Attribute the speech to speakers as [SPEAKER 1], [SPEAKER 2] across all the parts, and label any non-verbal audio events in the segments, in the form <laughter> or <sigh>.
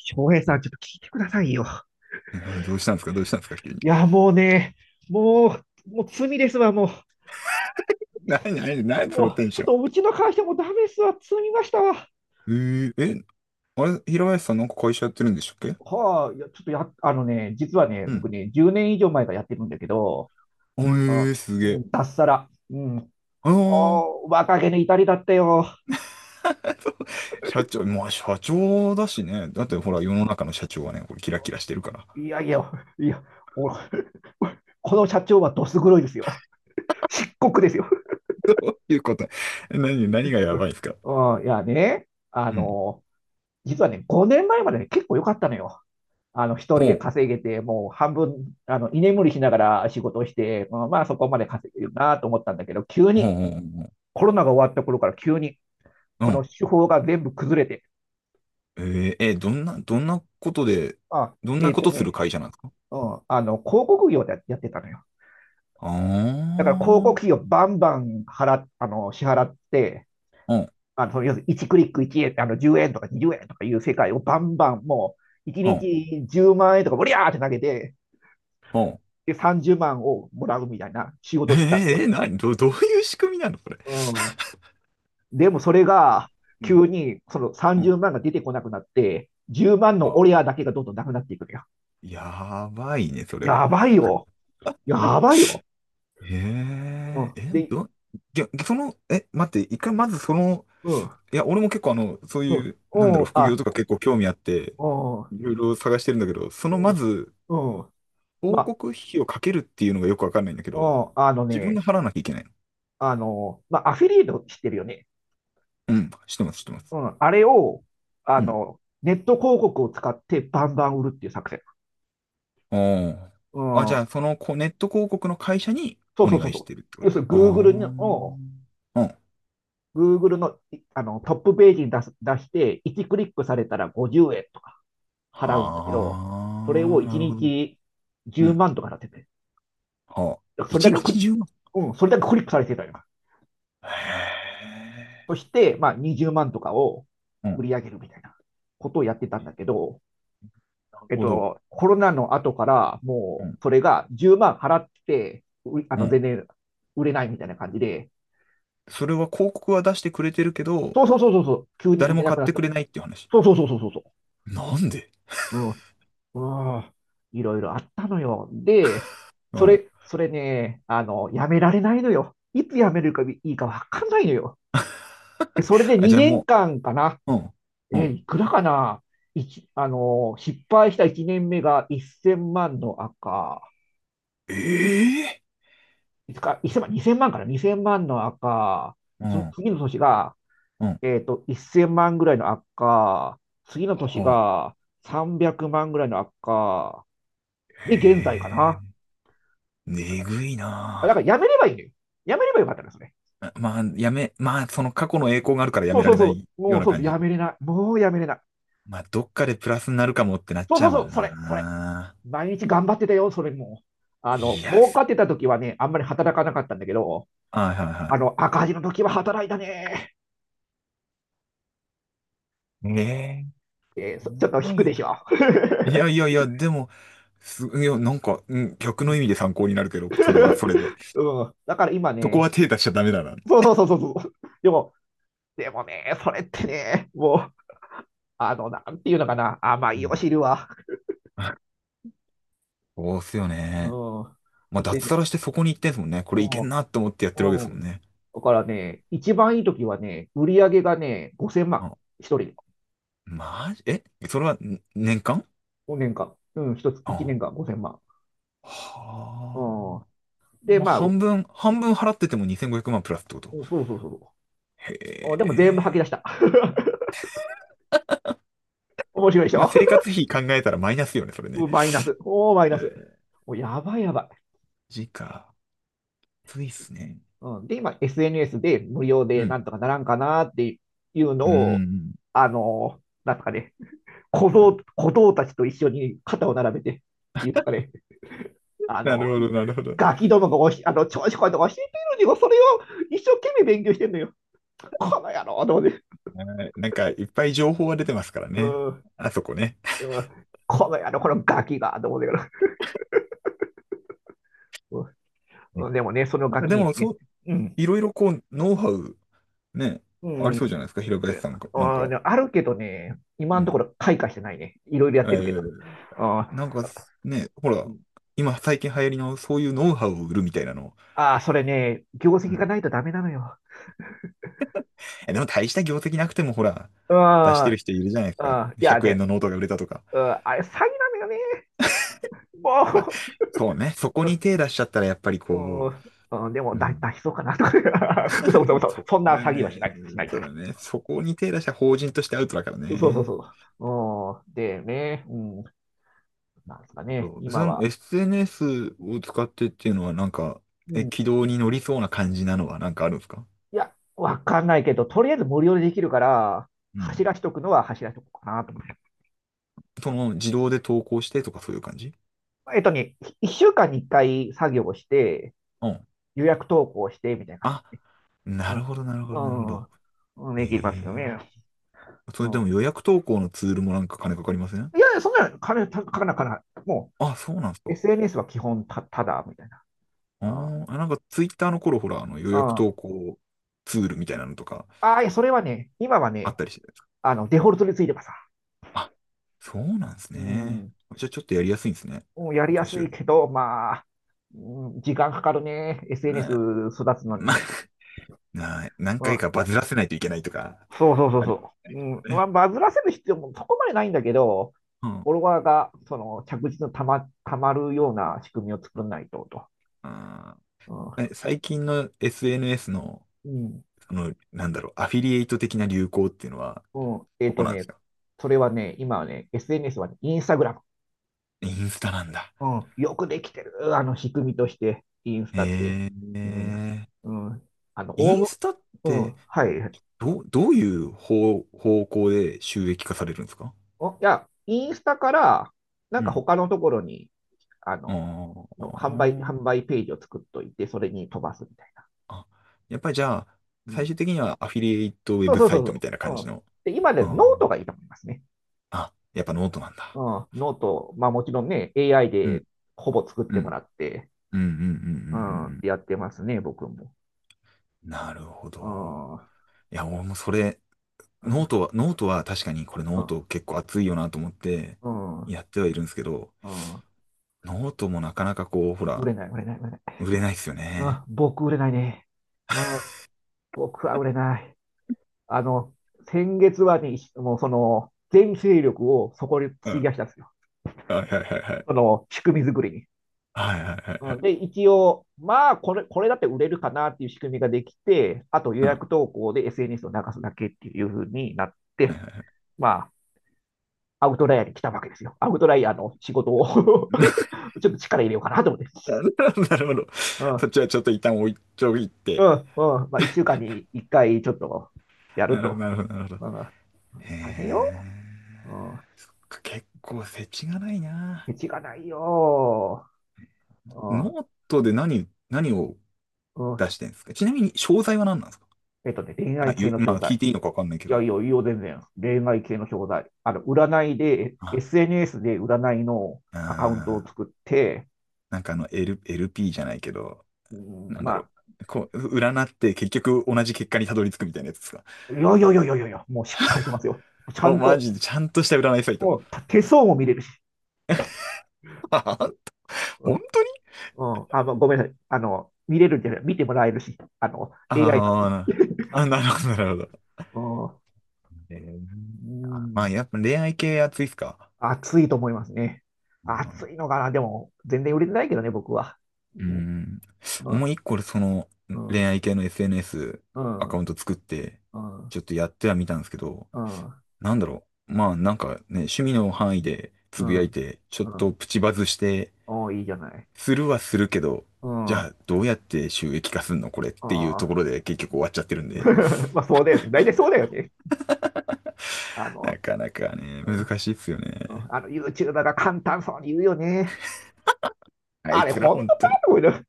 [SPEAKER 1] 翔平さん、ちょっと聞いてくださいよ。
[SPEAKER 2] <laughs> あ、どうしたんですか、どうしたんですか、急に。
[SPEAKER 1] いや、もうね、もう罪ですわ、も
[SPEAKER 2] <laughs> なになに
[SPEAKER 1] う。
[SPEAKER 2] なに、その
[SPEAKER 1] も
[SPEAKER 2] テ
[SPEAKER 1] う、
[SPEAKER 2] ン
[SPEAKER 1] ちょ
[SPEAKER 2] シ
[SPEAKER 1] っ
[SPEAKER 2] ョン。
[SPEAKER 1] とうちの会社もダメですわ、積みましたわ。
[SPEAKER 2] えー、え、あれ、平林さんなんか会社やってるんでしたっけ？
[SPEAKER 1] はあ、いや、ちょっとや、実はね、
[SPEAKER 2] うん。
[SPEAKER 1] 僕ね、10年以上前からやってるんだけど、
[SPEAKER 2] あ、
[SPEAKER 1] あ、
[SPEAKER 2] すげ
[SPEAKER 1] う
[SPEAKER 2] え。
[SPEAKER 1] ん、脱サラ。うん。
[SPEAKER 2] あー。
[SPEAKER 1] おー、若気の至りだったよ。
[SPEAKER 2] <laughs> そう、社長、まあ社長だしね。だってほら、世の中の社長はね、これキラキラしてるから。
[SPEAKER 1] い
[SPEAKER 2] <laughs>
[SPEAKER 1] やいや、いや、お <laughs> この社長はどす黒いですよ。漆黒ですよ。
[SPEAKER 2] どういうこと？何がやばいんですか？
[SPEAKER 1] うん、いやね、
[SPEAKER 2] うん。
[SPEAKER 1] 実はね、5年前までね、結構良かったのよ。一人
[SPEAKER 2] ほ
[SPEAKER 1] で
[SPEAKER 2] う、
[SPEAKER 1] 稼げて、もう半分、居眠りしながら仕事をして、まあそこまで稼げるなと思ったんだけど、急
[SPEAKER 2] ほ
[SPEAKER 1] に、
[SPEAKER 2] う、ほう、ほう。
[SPEAKER 1] コロナが終わった頃から急に、
[SPEAKER 2] う
[SPEAKER 1] この
[SPEAKER 2] ん。
[SPEAKER 1] 手法が全部崩れて、
[SPEAKER 2] えどんなことで、
[SPEAKER 1] あ、
[SPEAKER 2] どん
[SPEAKER 1] え
[SPEAKER 2] な
[SPEAKER 1] っ
[SPEAKER 2] こ
[SPEAKER 1] と
[SPEAKER 2] とする
[SPEAKER 1] ね、
[SPEAKER 2] 会社なんですか？
[SPEAKER 1] うん、広告業でやってたのよ。
[SPEAKER 2] あ
[SPEAKER 1] だから広
[SPEAKER 2] あー、
[SPEAKER 1] 告費をバンバン払っ、あの、支払って、
[SPEAKER 2] ほう、
[SPEAKER 1] 要するに1クリック1円、10円とか20円とかいう世界をバンバンもう、1
[SPEAKER 2] ほう、
[SPEAKER 1] 日10万円とか、おりゃーって投げて、
[SPEAKER 2] ほう。
[SPEAKER 1] で、30万をもらうみたいな仕事
[SPEAKER 2] え
[SPEAKER 1] をしてたんです
[SPEAKER 2] え
[SPEAKER 1] よ。
[SPEAKER 2] え、どういう仕組みなのそれ。
[SPEAKER 1] うん。でもそれが
[SPEAKER 2] う
[SPEAKER 1] 急
[SPEAKER 2] ん。
[SPEAKER 1] にその
[SPEAKER 2] う
[SPEAKER 1] 30
[SPEAKER 2] ん。
[SPEAKER 1] 万が出てこなくなって、10万
[SPEAKER 2] あ
[SPEAKER 1] のオレア
[SPEAKER 2] あ、
[SPEAKER 1] だけがどんどんなくなっていくのよ。
[SPEAKER 2] やばいね、それ
[SPEAKER 1] や
[SPEAKER 2] は。
[SPEAKER 1] ばいよ。やばいよ。
[SPEAKER 2] え
[SPEAKER 1] う
[SPEAKER 2] え
[SPEAKER 1] ん、
[SPEAKER 2] え、
[SPEAKER 1] で、
[SPEAKER 2] ど、ぎゃ、その、待って、一回まずその、
[SPEAKER 1] うん、
[SPEAKER 2] いや、俺も結構あの、そう
[SPEAKER 1] う
[SPEAKER 2] い
[SPEAKER 1] ん、
[SPEAKER 2] う、なんだろ
[SPEAKER 1] う
[SPEAKER 2] う、
[SPEAKER 1] ん、
[SPEAKER 2] 副業とか結構興味あって、
[SPEAKER 1] うん、う
[SPEAKER 2] いろいろ探してるんだけど、そのま
[SPEAKER 1] ん、
[SPEAKER 2] ず、
[SPEAKER 1] うん。
[SPEAKER 2] 広
[SPEAKER 1] ま
[SPEAKER 2] 告費をかけるっていうのがよくわかんないんだけど、
[SPEAKER 1] あ、うん、
[SPEAKER 2] 自分が払わなきゃいけないの？
[SPEAKER 1] アフィリエイト知ってるよね。
[SPEAKER 2] うん、知ってます、知ってま
[SPEAKER 1] う
[SPEAKER 2] す。
[SPEAKER 1] ん、あれを、
[SPEAKER 2] うん。
[SPEAKER 1] ネット広告を使ってバンバン売るっていう作戦。
[SPEAKER 2] あ
[SPEAKER 1] う
[SPEAKER 2] あ。あ、じゃ
[SPEAKER 1] ん、
[SPEAKER 2] あ、そのネット広告の会社に
[SPEAKER 1] そう
[SPEAKER 2] お
[SPEAKER 1] そうそ
[SPEAKER 2] 願
[SPEAKER 1] う
[SPEAKER 2] い
[SPEAKER 1] そ
[SPEAKER 2] し
[SPEAKER 1] う。
[SPEAKER 2] てるってこ
[SPEAKER 1] 要
[SPEAKER 2] と。
[SPEAKER 1] するに
[SPEAKER 2] ああ
[SPEAKER 1] Google の
[SPEAKER 2] ー。うん。
[SPEAKER 1] Google のあのトップページに出して、1クリックされたら50円とか払うんだけど、それ
[SPEAKER 2] は
[SPEAKER 1] を
[SPEAKER 2] あ、
[SPEAKER 1] 1
[SPEAKER 2] なるほど。
[SPEAKER 1] 日
[SPEAKER 2] う
[SPEAKER 1] 10
[SPEAKER 2] ん。
[SPEAKER 1] 万とか払ってて、
[SPEAKER 2] はあ。
[SPEAKER 1] それだ
[SPEAKER 2] 一
[SPEAKER 1] けク
[SPEAKER 2] 日
[SPEAKER 1] リ、
[SPEAKER 2] 10万。
[SPEAKER 1] うん、それだけクリックされてたよ。
[SPEAKER 2] へ
[SPEAKER 1] そして、まあ、20万とかを
[SPEAKER 2] え。うん。
[SPEAKER 1] 売
[SPEAKER 2] な
[SPEAKER 1] り上げるみたいなことをやってたんだけど、
[SPEAKER 2] るほど。
[SPEAKER 1] コロナの後から
[SPEAKER 2] う
[SPEAKER 1] もう
[SPEAKER 2] ん。
[SPEAKER 1] それが10万払って、
[SPEAKER 2] うん。
[SPEAKER 1] 全然売れないみたいな感じで、
[SPEAKER 2] それは広告は出してくれてるけど、
[SPEAKER 1] そうそうそうそうそう、急に
[SPEAKER 2] 誰
[SPEAKER 1] 売
[SPEAKER 2] も
[SPEAKER 1] れな
[SPEAKER 2] 買
[SPEAKER 1] く
[SPEAKER 2] っ
[SPEAKER 1] なっ
[SPEAKER 2] て
[SPEAKER 1] た。
[SPEAKER 2] くれないっていう話。
[SPEAKER 1] そうそうそうそうそ
[SPEAKER 2] なんで？
[SPEAKER 1] う。ううん、いろいろあったのよ。で、
[SPEAKER 2] う
[SPEAKER 1] そ
[SPEAKER 2] ん。
[SPEAKER 1] れ、それね、やめられないのよ。いつやめるかいいかわかんないのよ。でそれで
[SPEAKER 2] あ、じゃあ
[SPEAKER 1] 2
[SPEAKER 2] も
[SPEAKER 1] 年間かんかな。
[SPEAKER 2] う、うん。うん。
[SPEAKER 1] いくらかな。一あの、失敗した1年目が1000万の赤。
[SPEAKER 2] ええ。
[SPEAKER 1] いつか、1 0万、2000万から2000万の赤。
[SPEAKER 2] うん。
[SPEAKER 1] 次の年が、
[SPEAKER 2] うん。
[SPEAKER 1] 1000万ぐらいの赤。次の
[SPEAKER 2] は
[SPEAKER 1] 年
[SPEAKER 2] あ。
[SPEAKER 1] が300万ぐらいの赤。で、現在か
[SPEAKER 2] へ
[SPEAKER 1] な。
[SPEAKER 2] え。ねぐい
[SPEAKER 1] だか
[SPEAKER 2] な
[SPEAKER 1] らやめればいいのよ。やめればよかったんですね。
[SPEAKER 2] あ。まあ、まあ、その過去の栄光があるからや
[SPEAKER 1] そ
[SPEAKER 2] め
[SPEAKER 1] う
[SPEAKER 2] ら
[SPEAKER 1] そう
[SPEAKER 2] れな
[SPEAKER 1] そ
[SPEAKER 2] い
[SPEAKER 1] う。
[SPEAKER 2] よ
[SPEAKER 1] も
[SPEAKER 2] う
[SPEAKER 1] う
[SPEAKER 2] な
[SPEAKER 1] そう
[SPEAKER 2] 感じ。
[SPEAKER 1] やめれない。もうやめれない。
[SPEAKER 2] まあ、どっかでプラスになるかもってなっ
[SPEAKER 1] そう
[SPEAKER 2] ち
[SPEAKER 1] そ
[SPEAKER 2] ゃ
[SPEAKER 1] う
[SPEAKER 2] うも
[SPEAKER 1] そう、
[SPEAKER 2] ん
[SPEAKER 1] それ、それ。
[SPEAKER 2] な。
[SPEAKER 1] 毎日頑張ってたよ、それもう。
[SPEAKER 2] いや、
[SPEAKER 1] 儲かってた時はね、あんまり働かなかったんだけど、
[SPEAKER 2] はいはいは
[SPEAKER 1] 赤字の時は働いたね。
[SPEAKER 2] い。ええ、す
[SPEAKER 1] ちょっと
[SPEAKER 2] ご
[SPEAKER 1] 引く
[SPEAKER 2] い
[SPEAKER 1] で
[SPEAKER 2] な。
[SPEAKER 1] しょ。
[SPEAKER 2] い
[SPEAKER 1] <laughs>
[SPEAKER 2] やいやいや、でも、いや、なんか、うん、
[SPEAKER 1] う
[SPEAKER 2] 逆の意
[SPEAKER 1] ん、
[SPEAKER 2] 味で参考になるけど、それはそれで。
[SPEAKER 1] うんだから今
[SPEAKER 2] そこ
[SPEAKER 1] ね、
[SPEAKER 2] は手出しちゃダメだな。
[SPEAKER 1] そうそうそうそうそう。でも、でもね、それってね、もう、なんていうのかな、甘
[SPEAKER 2] う
[SPEAKER 1] いお
[SPEAKER 2] ん。
[SPEAKER 1] 汁は。
[SPEAKER 2] <laughs> そうっすよね。
[SPEAKER 1] うん。
[SPEAKER 2] まあ、
[SPEAKER 1] だって
[SPEAKER 2] 脱
[SPEAKER 1] ね、
[SPEAKER 2] サラしてそこに行ってんすもんね。これいけ
[SPEAKER 1] う
[SPEAKER 2] んなって思ってやってるわけで
[SPEAKER 1] ん、う
[SPEAKER 2] すもん
[SPEAKER 1] ん。
[SPEAKER 2] ね。
[SPEAKER 1] だからね、一番いい時はね、売り上げがね、5000万、
[SPEAKER 2] あ、
[SPEAKER 1] 一人、
[SPEAKER 2] マジ、それは、年間？
[SPEAKER 1] 年間。うん、一
[SPEAKER 2] あ、
[SPEAKER 1] 年間5000万。う
[SPEAKER 2] はあ。
[SPEAKER 1] ん。で、
[SPEAKER 2] まあ、
[SPEAKER 1] まあ、
[SPEAKER 2] 半分払ってても2500万プラスってこと。
[SPEAKER 1] そうそうそ
[SPEAKER 2] へ
[SPEAKER 1] う。でも全部吐き
[SPEAKER 2] え。
[SPEAKER 1] 出した。<laughs> 面白いでし
[SPEAKER 2] まあ、
[SPEAKER 1] ょ
[SPEAKER 2] 生活費考えたらマイナスよね、それね。
[SPEAKER 1] マイナス。おー、マイ
[SPEAKER 2] え
[SPEAKER 1] ナス。
[SPEAKER 2] ー
[SPEAKER 1] もうやばいやばい。
[SPEAKER 2] マジついっすね。
[SPEAKER 1] うん、で、今、SNS で無料
[SPEAKER 2] う
[SPEAKER 1] でな
[SPEAKER 2] ん。
[SPEAKER 1] んとかならんかなっていうの
[SPEAKER 2] う
[SPEAKER 1] を、
[SPEAKER 2] ん。
[SPEAKER 1] なんとかね、小僧たちと一緒に肩を並べてっていうかね、あ
[SPEAKER 2] な
[SPEAKER 1] の
[SPEAKER 2] るほ
[SPEAKER 1] ー
[SPEAKER 2] ど、なるほど。
[SPEAKER 1] ガキどもがあの調子こいとか教えてるのにそれを一生懸命勉強してんのよ。この野郎と思って。
[SPEAKER 2] はい。なんか、いっぱい情報が出てますから
[SPEAKER 1] う
[SPEAKER 2] ね。
[SPEAKER 1] ん
[SPEAKER 2] あ、そこね。
[SPEAKER 1] うんこの野郎、このガキが、と思ってから。うん
[SPEAKER 2] ね、
[SPEAKER 1] うでもね、その
[SPEAKER 2] なん
[SPEAKER 1] ガ
[SPEAKER 2] か
[SPEAKER 1] キ
[SPEAKER 2] で
[SPEAKER 1] に
[SPEAKER 2] も、そ
[SPEAKER 1] ね、
[SPEAKER 2] う、
[SPEAKER 1] うん、
[SPEAKER 2] いろいろこう、ノウハウ、ね、
[SPEAKER 1] う
[SPEAKER 2] ありそう
[SPEAKER 1] ん、
[SPEAKER 2] じゃないですか、平林さんが。なんか、
[SPEAKER 1] あるけどね、
[SPEAKER 2] う
[SPEAKER 1] 今のとこ
[SPEAKER 2] ん。
[SPEAKER 1] ろ開花してないね。いろいろや
[SPEAKER 2] え
[SPEAKER 1] ってるけど。
[SPEAKER 2] ー、
[SPEAKER 1] あ
[SPEAKER 2] なんか、ね、ほら、今最近流行りのそういうノウハウを売るみたいなの。
[SPEAKER 1] あそれね、業
[SPEAKER 2] う
[SPEAKER 1] 績が
[SPEAKER 2] ん。
[SPEAKER 1] ないとダメなのよ。
[SPEAKER 2] でも大した業績なくても、ほら、
[SPEAKER 1] う
[SPEAKER 2] 出し
[SPEAKER 1] ん、う
[SPEAKER 2] てる
[SPEAKER 1] ん
[SPEAKER 2] 人いるじゃないですか。
[SPEAKER 1] いや
[SPEAKER 2] 100円
[SPEAKER 1] ね、
[SPEAKER 2] のノートが売れたとか。
[SPEAKER 1] うんあれ詐欺なのよね。も
[SPEAKER 2] まあ、
[SPEAKER 1] う、
[SPEAKER 2] そうね、そこに手出しちゃったら、やっぱりこ
[SPEAKER 1] う
[SPEAKER 2] う、
[SPEAKER 1] ん、うんでも、
[SPEAKER 2] うん。
[SPEAKER 1] 出しそうかなとか。<laughs> 嘘嘘嘘。そん
[SPEAKER 2] こ
[SPEAKER 1] な
[SPEAKER 2] れ
[SPEAKER 1] 詐欺はし
[SPEAKER 2] ね、
[SPEAKER 1] ない、しない、し
[SPEAKER 2] そ
[SPEAKER 1] な
[SPEAKER 2] うだ
[SPEAKER 1] い。
[SPEAKER 2] ね。そこに手出した法人としてアウトだから
[SPEAKER 1] そうそう
[SPEAKER 2] ね。
[SPEAKER 1] そう。うん、でね、うん、なんですかね、
[SPEAKER 2] そう、
[SPEAKER 1] 今
[SPEAKER 2] その
[SPEAKER 1] は。
[SPEAKER 2] SNS を使ってっていうのはなんか、
[SPEAKER 1] うん、い
[SPEAKER 2] 軌道に乗りそうな感じなのはなんかあるんですか？
[SPEAKER 1] や、わかんないけど、とりあえず無料でできるから、
[SPEAKER 2] うん。
[SPEAKER 1] 走らしとくのは走らしとこうかなと思って。
[SPEAKER 2] その自動で投稿してとかそういう感じ？
[SPEAKER 1] えっとね、1週間に1回作業をして、
[SPEAKER 2] うん。
[SPEAKER 1] 予約投稿して、みたいな感じ
[SPEAKER 2] あ、
[SPEAKER 1] でね。
[SPEAKER 2] な
[SPEAKER 1] う
[SPEAKER 2] る
[SPEAKER 1] ん。
[SPEAKER 2] ほど、なるほど、なるほ
[SPEAKER 1] うん。
[SPEAKER 2] ど。
[SPEAKER 1] うん、
[SPEAKER 2] え
[SPEAKER 1] できますよ
[SPEAKER 2] え、
[SPEAKER 1] ね。
[SPEAKER 2] そ
[SPEAKER 1] う
[SPEAKER 2] れで
[SPEAKER 1] ん。
[SPEAKER 2] も予約投稿のツールもなんか金かかりません？
[SPEAKER 1] いやいや、そんなの金たかなかな。も
[SPEAKER 2] あ、そうなんです
[SPEAKER 1] う、
[SPEAKER 2] か。
[SPEAKER 1] SNS は基本ただ、みたいな。
[SPEAKER 2] あ
[SPEAKER 1] うん。
[SPEAKER 2] ーあ、なんかツイッターの頃ほら、あの予
[SPEAKER 1] う
[SPEAKER 2] 約
[SPEAKER 1] ん。
[SPEAKER 2] 投稿ツールみたいなのとか
[SPEAKER 1] ああ、いやそれはね、今は
[SPEAKER 2] あっ
[SPEAKER 1] ね、
[SPEAKER 2] たりしてたじゃないで
[SPEAKER 1] デフォルトについてます。
[SPEAKER 2] すか。そうなんです
[SPEAKER 1] う
[SPEAKER 2] ね。
[SPEAKER 1] ん、
[SPEAKER 2] じゃあちょっとやりやすいんですね。
[SPEAKER 1] もうやりや
[SPEAKER 2] 昔
[SPEAKER 1] す
[SPEAKER 2] よ
[SPEAKER 1] い
[SPEAKER 2] り。
[SPEAKER 1] けど、まあ、うん、時間かかるね。SNS
[SPEAKER 2] まあ、
[SPEAKER 1] 育つの
[SPEAKER 2] まあ、
[SPEAKER 1] に。
[SPEAKER 2] <laughs> 何
[SPEAKER 1] う
[SPEAKER 2] 回
[SPEAKER 1] ん、
[SPEAKER 2] かバズらせないといけないとか、
[SPEAKER 1] そうそうそう
[SPEAKER 2] ありま
[SPEAKER 1] そう。うん、
[SPEAKER 2] すよ
[SPEAKER 1] まあ、
[SPEAKER 2] ね。
[SPEAKER 1] バズらせる必要もそこまでないんだけど、
[SPEAKER 2] う
[SPEAKER 1] フ
[SPEAKER 2] ん。
[SPEAKER 1] ォロワーが、着実にたまるような仕組みを作んないと、と。
[SPEAKER 2] あー、
[SPEAKER 1] う
[SPEAKER 2] 最近の SNS の、
[SPEAKER 1] ん、うん、
[SPEAKER 2] その、なんだろう、アフィリエイト的な流行っていうのは、
[SPEAKER 1] うん
[SPEAKER 2] どこなんですか？
[SPEAKER 1] それはね、今はね、SNS はね、インスタグラム。
[SPEAKER 2] インスタなんだ。
[SPEAKER 1] うん、よくできてる、あの仕組みとして、インスタって。
[SPEAKER 2] え
[SPEAKER 1] うん、
[SPEAKER 2] ー、
[SPEAKER 1] うん、
[SPEAKER 2] イ
[SPEAKER 1] オ
[SPEAKER 2] ン
[SPEAKER 1] ウム、
[SPEAKER 2] スタっ
[SPEAKER 1] うん、
[SPEAKER 2] て、
[SPEAKER 1] はい。
[SPEAKER 2] どういう方向で収益化されるんですか？
[SPEAKER 1] いや、インスタから、な
[SPEAKER 2] う
[SPEAKER 1] んか
[SPEAKER 2] ん。
[SPEAKER 1] 他のところに、あ
[SPEAKER 2] あ
[SPEAKER 1] の、販売、
[SPEAKER 2] あ、
[SPEAKER 1] 販売ページを作っといて、それに飛ばすみたいな。
[SPEAKER 2] あ、やっぱりじゃあ、
[SPEAKER 1] うん、
[SPEAKER 2] 最終的にはアフィリエイトウェ
[SPEAKER 1] そう
[SPEAKER 2] ブ
[SPEAKER 1] そう
[SPEAKER 2] サ
[SPEAKER 1] そ
[SPEAKER 2] イトみ
[SPEAKER 1] う
[SPEAKER 2] たいな感
[SPEAKER 1] そう。う
[SPEAKER 2] じ
[SPEAKER 1] ん、
[SPEAKER 2] の。
[SPEAKER 1] で、今で
[SPEAKER 2] はあ、
[SPEAKER 1] ノート
[SPEAKER 2] は
[SPEAKER 1] がいいと思いますね。
[SPEAKER 2] あ、あ、やっぱノートなん
[SPEAKER 1] う
[SPEAKER 2] だ。
[SPEAKER 1] ん、ノート、まあもちろんね、AI
[SPEAKER 2] うん、
[SPEAKER 1] でほぼ作っ
[SPEAKER 2] う
[SPEAKER 1] ても
[SPEAKER 2] ん、
[SPEAKER 1] らって、
[SPEAKER 2] うん、うん、うん、うん
[SPEAKER 1] う
[SPEAKER 2] う
[SPEAKER 1] ん、
[SPEAKER 2] ん
[SPEAKER 1] やってますね、僕も。
[SPEAKER 2] うん。なるほ
[SPEAKER 1] う
[SPEAKER 2] ど。
[SPEAKER 1] ん、う
[SPEAKER 2] いや、俺もそれ、ノ
[SPEAKER 1] ん、
[SPEAKER 2] ートは、ノートは確かにこれ
[SPEAKER 1] う
[SPEAKER 2] ノー
[SPEAKER 1] ん、
[SPEAKER 2] ト結構熱いよなと思って
[SPEAKER 1] うん。
[SPEAKER 2] やってはいるんですけど、
[SPEAKER 1] うん
[SPEAKER 2] ノートもなかなかこう、ほ
[SPEAKER 1] 売
[SPEAKER 2] ら、
[SPEAKER 1] れない、売れない、売れない。
[SPEAKER 2] 売れないですよ
[SPEAKER 1] う
[SPEAKER 2] ね。
[SPEAKER 1] ん、僕売れないね。うん、僕は売れない。あの、先月はね、もう全勢力をそこに
[SPEAKER 2] う
[SPEAKER 1] 費
[SPEAKER 2] ん。
[SPEAKER 1] やしたんですよ。
[SPEAKER 2] はいはいはいはい。
[SPEAKER 1] 仕組み作りに。
[SPEAKER 2] はいはいはいは
[SPEAKER 1] うん、
[SPEAKER 2] い。
[SPEAKER 1] で、一応、まあ、これだって売れるかなっていう仕組みができて、あと予
[SPEAKER 2] うんは
[SPEAKER 1] 約投稿で SNS を流すだけっていうふうになっ
[SPEAKER 2] いはい
[SPEAKER 1] て、
[SPEAKER 2] はい。
[SPEAKER 1] まあ、アウトライアーに来たわけですよ。アウトライアーの仕事を <laughs>
[SPEAKER 2] <laughs>
[SPEAKER 1] ちょっと力入れようかなと思って。
[SPEAKER 2] なるほど。
[SPEAKER 1] う
[SPEAKER 2] そ
[SPEAKER 1] ん、
[SPEAKER 2] っちはちょっと一旦置いといっ
[SPEAKER 1] う
[SPEAKER 2] て。
[SPEAKER 1] ん、うん。まあ、1週間に1回ちょっとや
[SPEAKER 2] な
[SPEAKER 1] る
[SPEAKER 2] るほど、
[SPEAKER 1] と。
[SPEAKER 2] なるほど、なるほど。へ
[SPEAKER 1] うん、大変よ。
[SPEAKER 2] え。
[SPEAKER 1] うん、フ
[SPEAKER 2] 結構世知がないな。
[SPEAKER 1] ェチがないよ。う
[SPEAKER 2] ノ
[SPEAKER 1] ん、
[SPEAKER 2] ートで何を
[SPEAKER 1] うん。
[SPEAKER 2] 出してんですか？ちなみに詳細は何なんですか？
[SPEAKER 1] 恋
[SPEAKER 2] あ、
[SPEAKER 1] 愛系の
[SPEAKER 2] ま
[SPEAKER 1] 教
[SPEAKER 2] あ聞
[SPEAKER 1] 材。
[SPEAKER 2] いていいのかわかんないけ
[SPEAKER 1] いや、
[SPEAKER 2] ど。
[SPEAKER 1] いやいいよ、全然。恋愛系の教材。占いで、
[SPEAKER 2] あ、
[SPEAKER 1] SNS で占いの
[SPEAKER 2] あ
[SPEAKER 1] アカウントを
[SPEAKER 2] ー、
[SPEAKER 1] 作って、
[SPEAKER 2] なんかあの、エルピ p じゃないけど、
[SPEAKER 1] う
[SPEAKER 2] な
[SPEAKER 1] ん、
[SPEAKER 2] んだろ
[SPEAKER 1] ま
[SPEAKER 2] う。こう、占って結局同じ結果にたどり着くみたいなやつですか？
[SPEAKER 1] あ、いやいやいやいやいや、もうしっかりしてますよ。ちゃ
[SPEAKER 2] お、
[SPEAKER 1] ん
[SPEAKER 2] マ
[SPEAKER 1] と、
[SPEAKER 2] ジでちゃんとした占いサイト。
[SPEAKER 1] もう手相も見れるし、
[SPEAKER 2] <laughs> 本当に？
[SPEAKER 1] うん、ごめんなさい。見れるんじゃない、見てもらえるし、AI さんに。
[SPEAKER 2] ああー、あ、なるほど、なるほど。
[SPEAKER 1] うん、
[SPEAKER 2] えー
[SPEAKER 1] う
[SPEAKER 2] あ、まあ、
[SPEAKER 1] ん
[SPEAKER 2] やっぱ恋愛系熱いっすか？
[SPEAKER 1] 暑いと思いますね。
[SPEAKER 2] うん
[SPEAKER 1] 暑いのかなでも、全然売れてないけどね、僕は。う
[SPEAKER 2] う
[SPEAKER 1] ん、
[SPEAKER 2] ん。お
[SPEAKER 1] う
[SPEAKER 2] 前一個その
[SPEAKER 1] ん、うん、
[SPEAKER 2] 恋愛系の SNS
[SPEAKER 1] う
[SPEAKER 2] ア
[SPEAKER 1] ん、
[SPEAKER 2] カウント作って、
[SPEAKER 1] うん、
[SPEAKER 2] ちょっとやってはみたんですけど、
[SPEAKER 1] うん、
[SPEAKER 2] なんだろう。まあなんかね、趣味の範囲でつ
[SPEAKER 1] う
[SPEAKER 2] ぶやい
[SPEAKER 1] ん
[SPEAKER 2] て、ちょっ
[SPEAKER 1] う
[SPEAKER 2] と
[SPEAKER 1] ん
[SPEAKER 2] プチバズして、
[SPEAKER 1] おーいいじゃない。
[SPEAKER 2] するはするけど、
[SPEAKER 1] う
[SPEAKER 2] じ
[SPEAKER 1] ん、
[SPEAKER 2] ゃ
[SPEAKER 1] あ
[SPEAKER 2] あどうやって収益化すんのこれっていうと
[SPEAKER 1] あ。
[SPEAKER 2] ころで結局終わっちゃってるんで、
[SPEAKER 1] <laughs> まあ、そうだよね。大体そうだよね。あ
[SPEAKER 2] な
[SPEAKER 1] の、
[SPEAKER 2] かなかね、難しいっすよ
[SPEAKER 1] うん、うん
[SPEAKER 2] ね。
[SPEAKER 1] YouTuber が簡単そうに言うよね。
[SPEAKER 2] あ
[SPEAKER 1] あ
[SPEAKER 2] い
[SPEAKER 1] れ、
[SPEAKER 2] つら
[SPEAKER 1] 本
[SPEAKER 2] 本
[SPEAKER 1] 当か
[SPEAKER 2] 当に。
[SPEAKER 1] と思いながら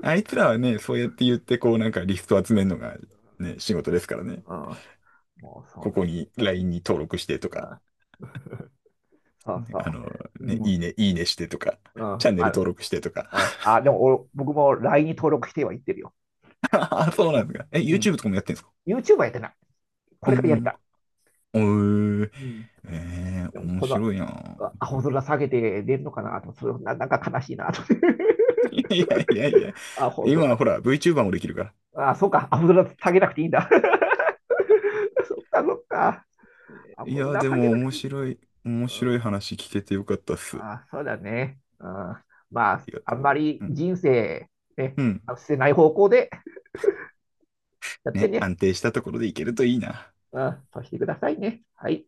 [SPEAKER 2] あいつらはね、そうやって言ってこうなんかリスト集めるのがね、仕事ですからね。
[SPEAKER 1] うん、もうそう
[SPEAKER 2] こ
[SPEAKER 1] なん
[SPEAKER 2] こ
[SPEAKER 1] だ。
[SPEAKER 2] に LINE に登録してと
[SPEAKER 1] う
[SPEAKER 2] か。
[SPEAKER 1] ん、そう
[SPEAKER 2] ね、あ
[SPEAKER 1] そ
[SPEAKER 2] の、
[SPEAKER 1] う。う
[SPEAKER 2] ね、い
[SPEAKER 1] ん、
[SPEAKER 2] いね、いいねしてとか、
[SPEAKER 1] う
[SPEAKER 2] <laughs>
[SPEAKER 1] ん、
[SPEAKER 2] チャンネ
[SPEAKER 1] あ
[SPEAKER 2] ル
[SPEAKER 1] る。
[SPEAKER 2] 登録してとか。
[SPEAKER 1] うんでも僕も LINE に登録してはいってるよ。
[SPEAKER 2] <laughs> あ、そう
[SPEAKER 1] う
[SPEAKER 2] なん
[SPEAKER 1] ん、
[SPEAKER 2] ですか。え、
[SPEAKER 1] うん
[SPEAKER 2] YouTube とかもやってんですか？
[SPEAKER 1] YouTuber やってない。こ
[SPEAKER 2] う
[SPEAKER 1] れからやりた
[SPEAKER 2] ん
[SPEAKER 1] い。
[SPEAKER 2] うん。おー、
[SPEAKER 1] うん。でも
[SPEAKER 2] 面
[SPEAKER 1] この
[SPEAKER 2] 白いなぁ。
[SPEAKER 1] 青空下げて出るのかなと、それな、なんか悲しいなと。<laughs>
[SPEAKER 2] <laughs> いやいやいや、
[SPEAKER 1] 青
[SPEAKER 2] 今は
[SPEAKER 1] 空。
[SPEAKER 2] ほら、VTuber もできるから。
[SPEAKER 1] あ、そうか、青空下げなくていいんだ。<laughs> そっか、そっか。
[SPEAKER 2] い
[SPEAKER 1] 青
[SPEAKER 2] や、
[SPEAKER 1] 空
[SPEAKER 2] で
[SPEAKER 1] 下げ
[SPEAKER 2] も
[SPEAKER 1] なく
[SPEAKER 2] 面
[SPEAKER 1] ていいん
[SPEAKER 2] 白
[SPEAKER 1] だ。
[SPEAKER 2] い、面
[SPEAKER 1] う
[SPEAKER 2] 白
[SPEAKER 1] ん、
[SPEAKER 2] い話聞けてよかったっす。あ
[SPEAKER 1] あ、そうだね。うん、まあ、
[SPEAKER 2] りが
[SPEAKER 1] あ
[SPEAKER 2] と
[SPEAKER 1] んま
[SPEAKER 2] う。
[SPEAKER 1] り
[SPEAKER 2] うん。
[SPEAKER 1] 人生、ね、
[SPEAKER 2] うん。
[SPEAKER 1] 捨てない方向でやって
[SPEAKER 2] ね、
[SPEAKER 1] ね、
[SPEAKER 2] 安定したところでいけるといいな。
[SPEAKER 1] うん、そうしてくださいね。はい。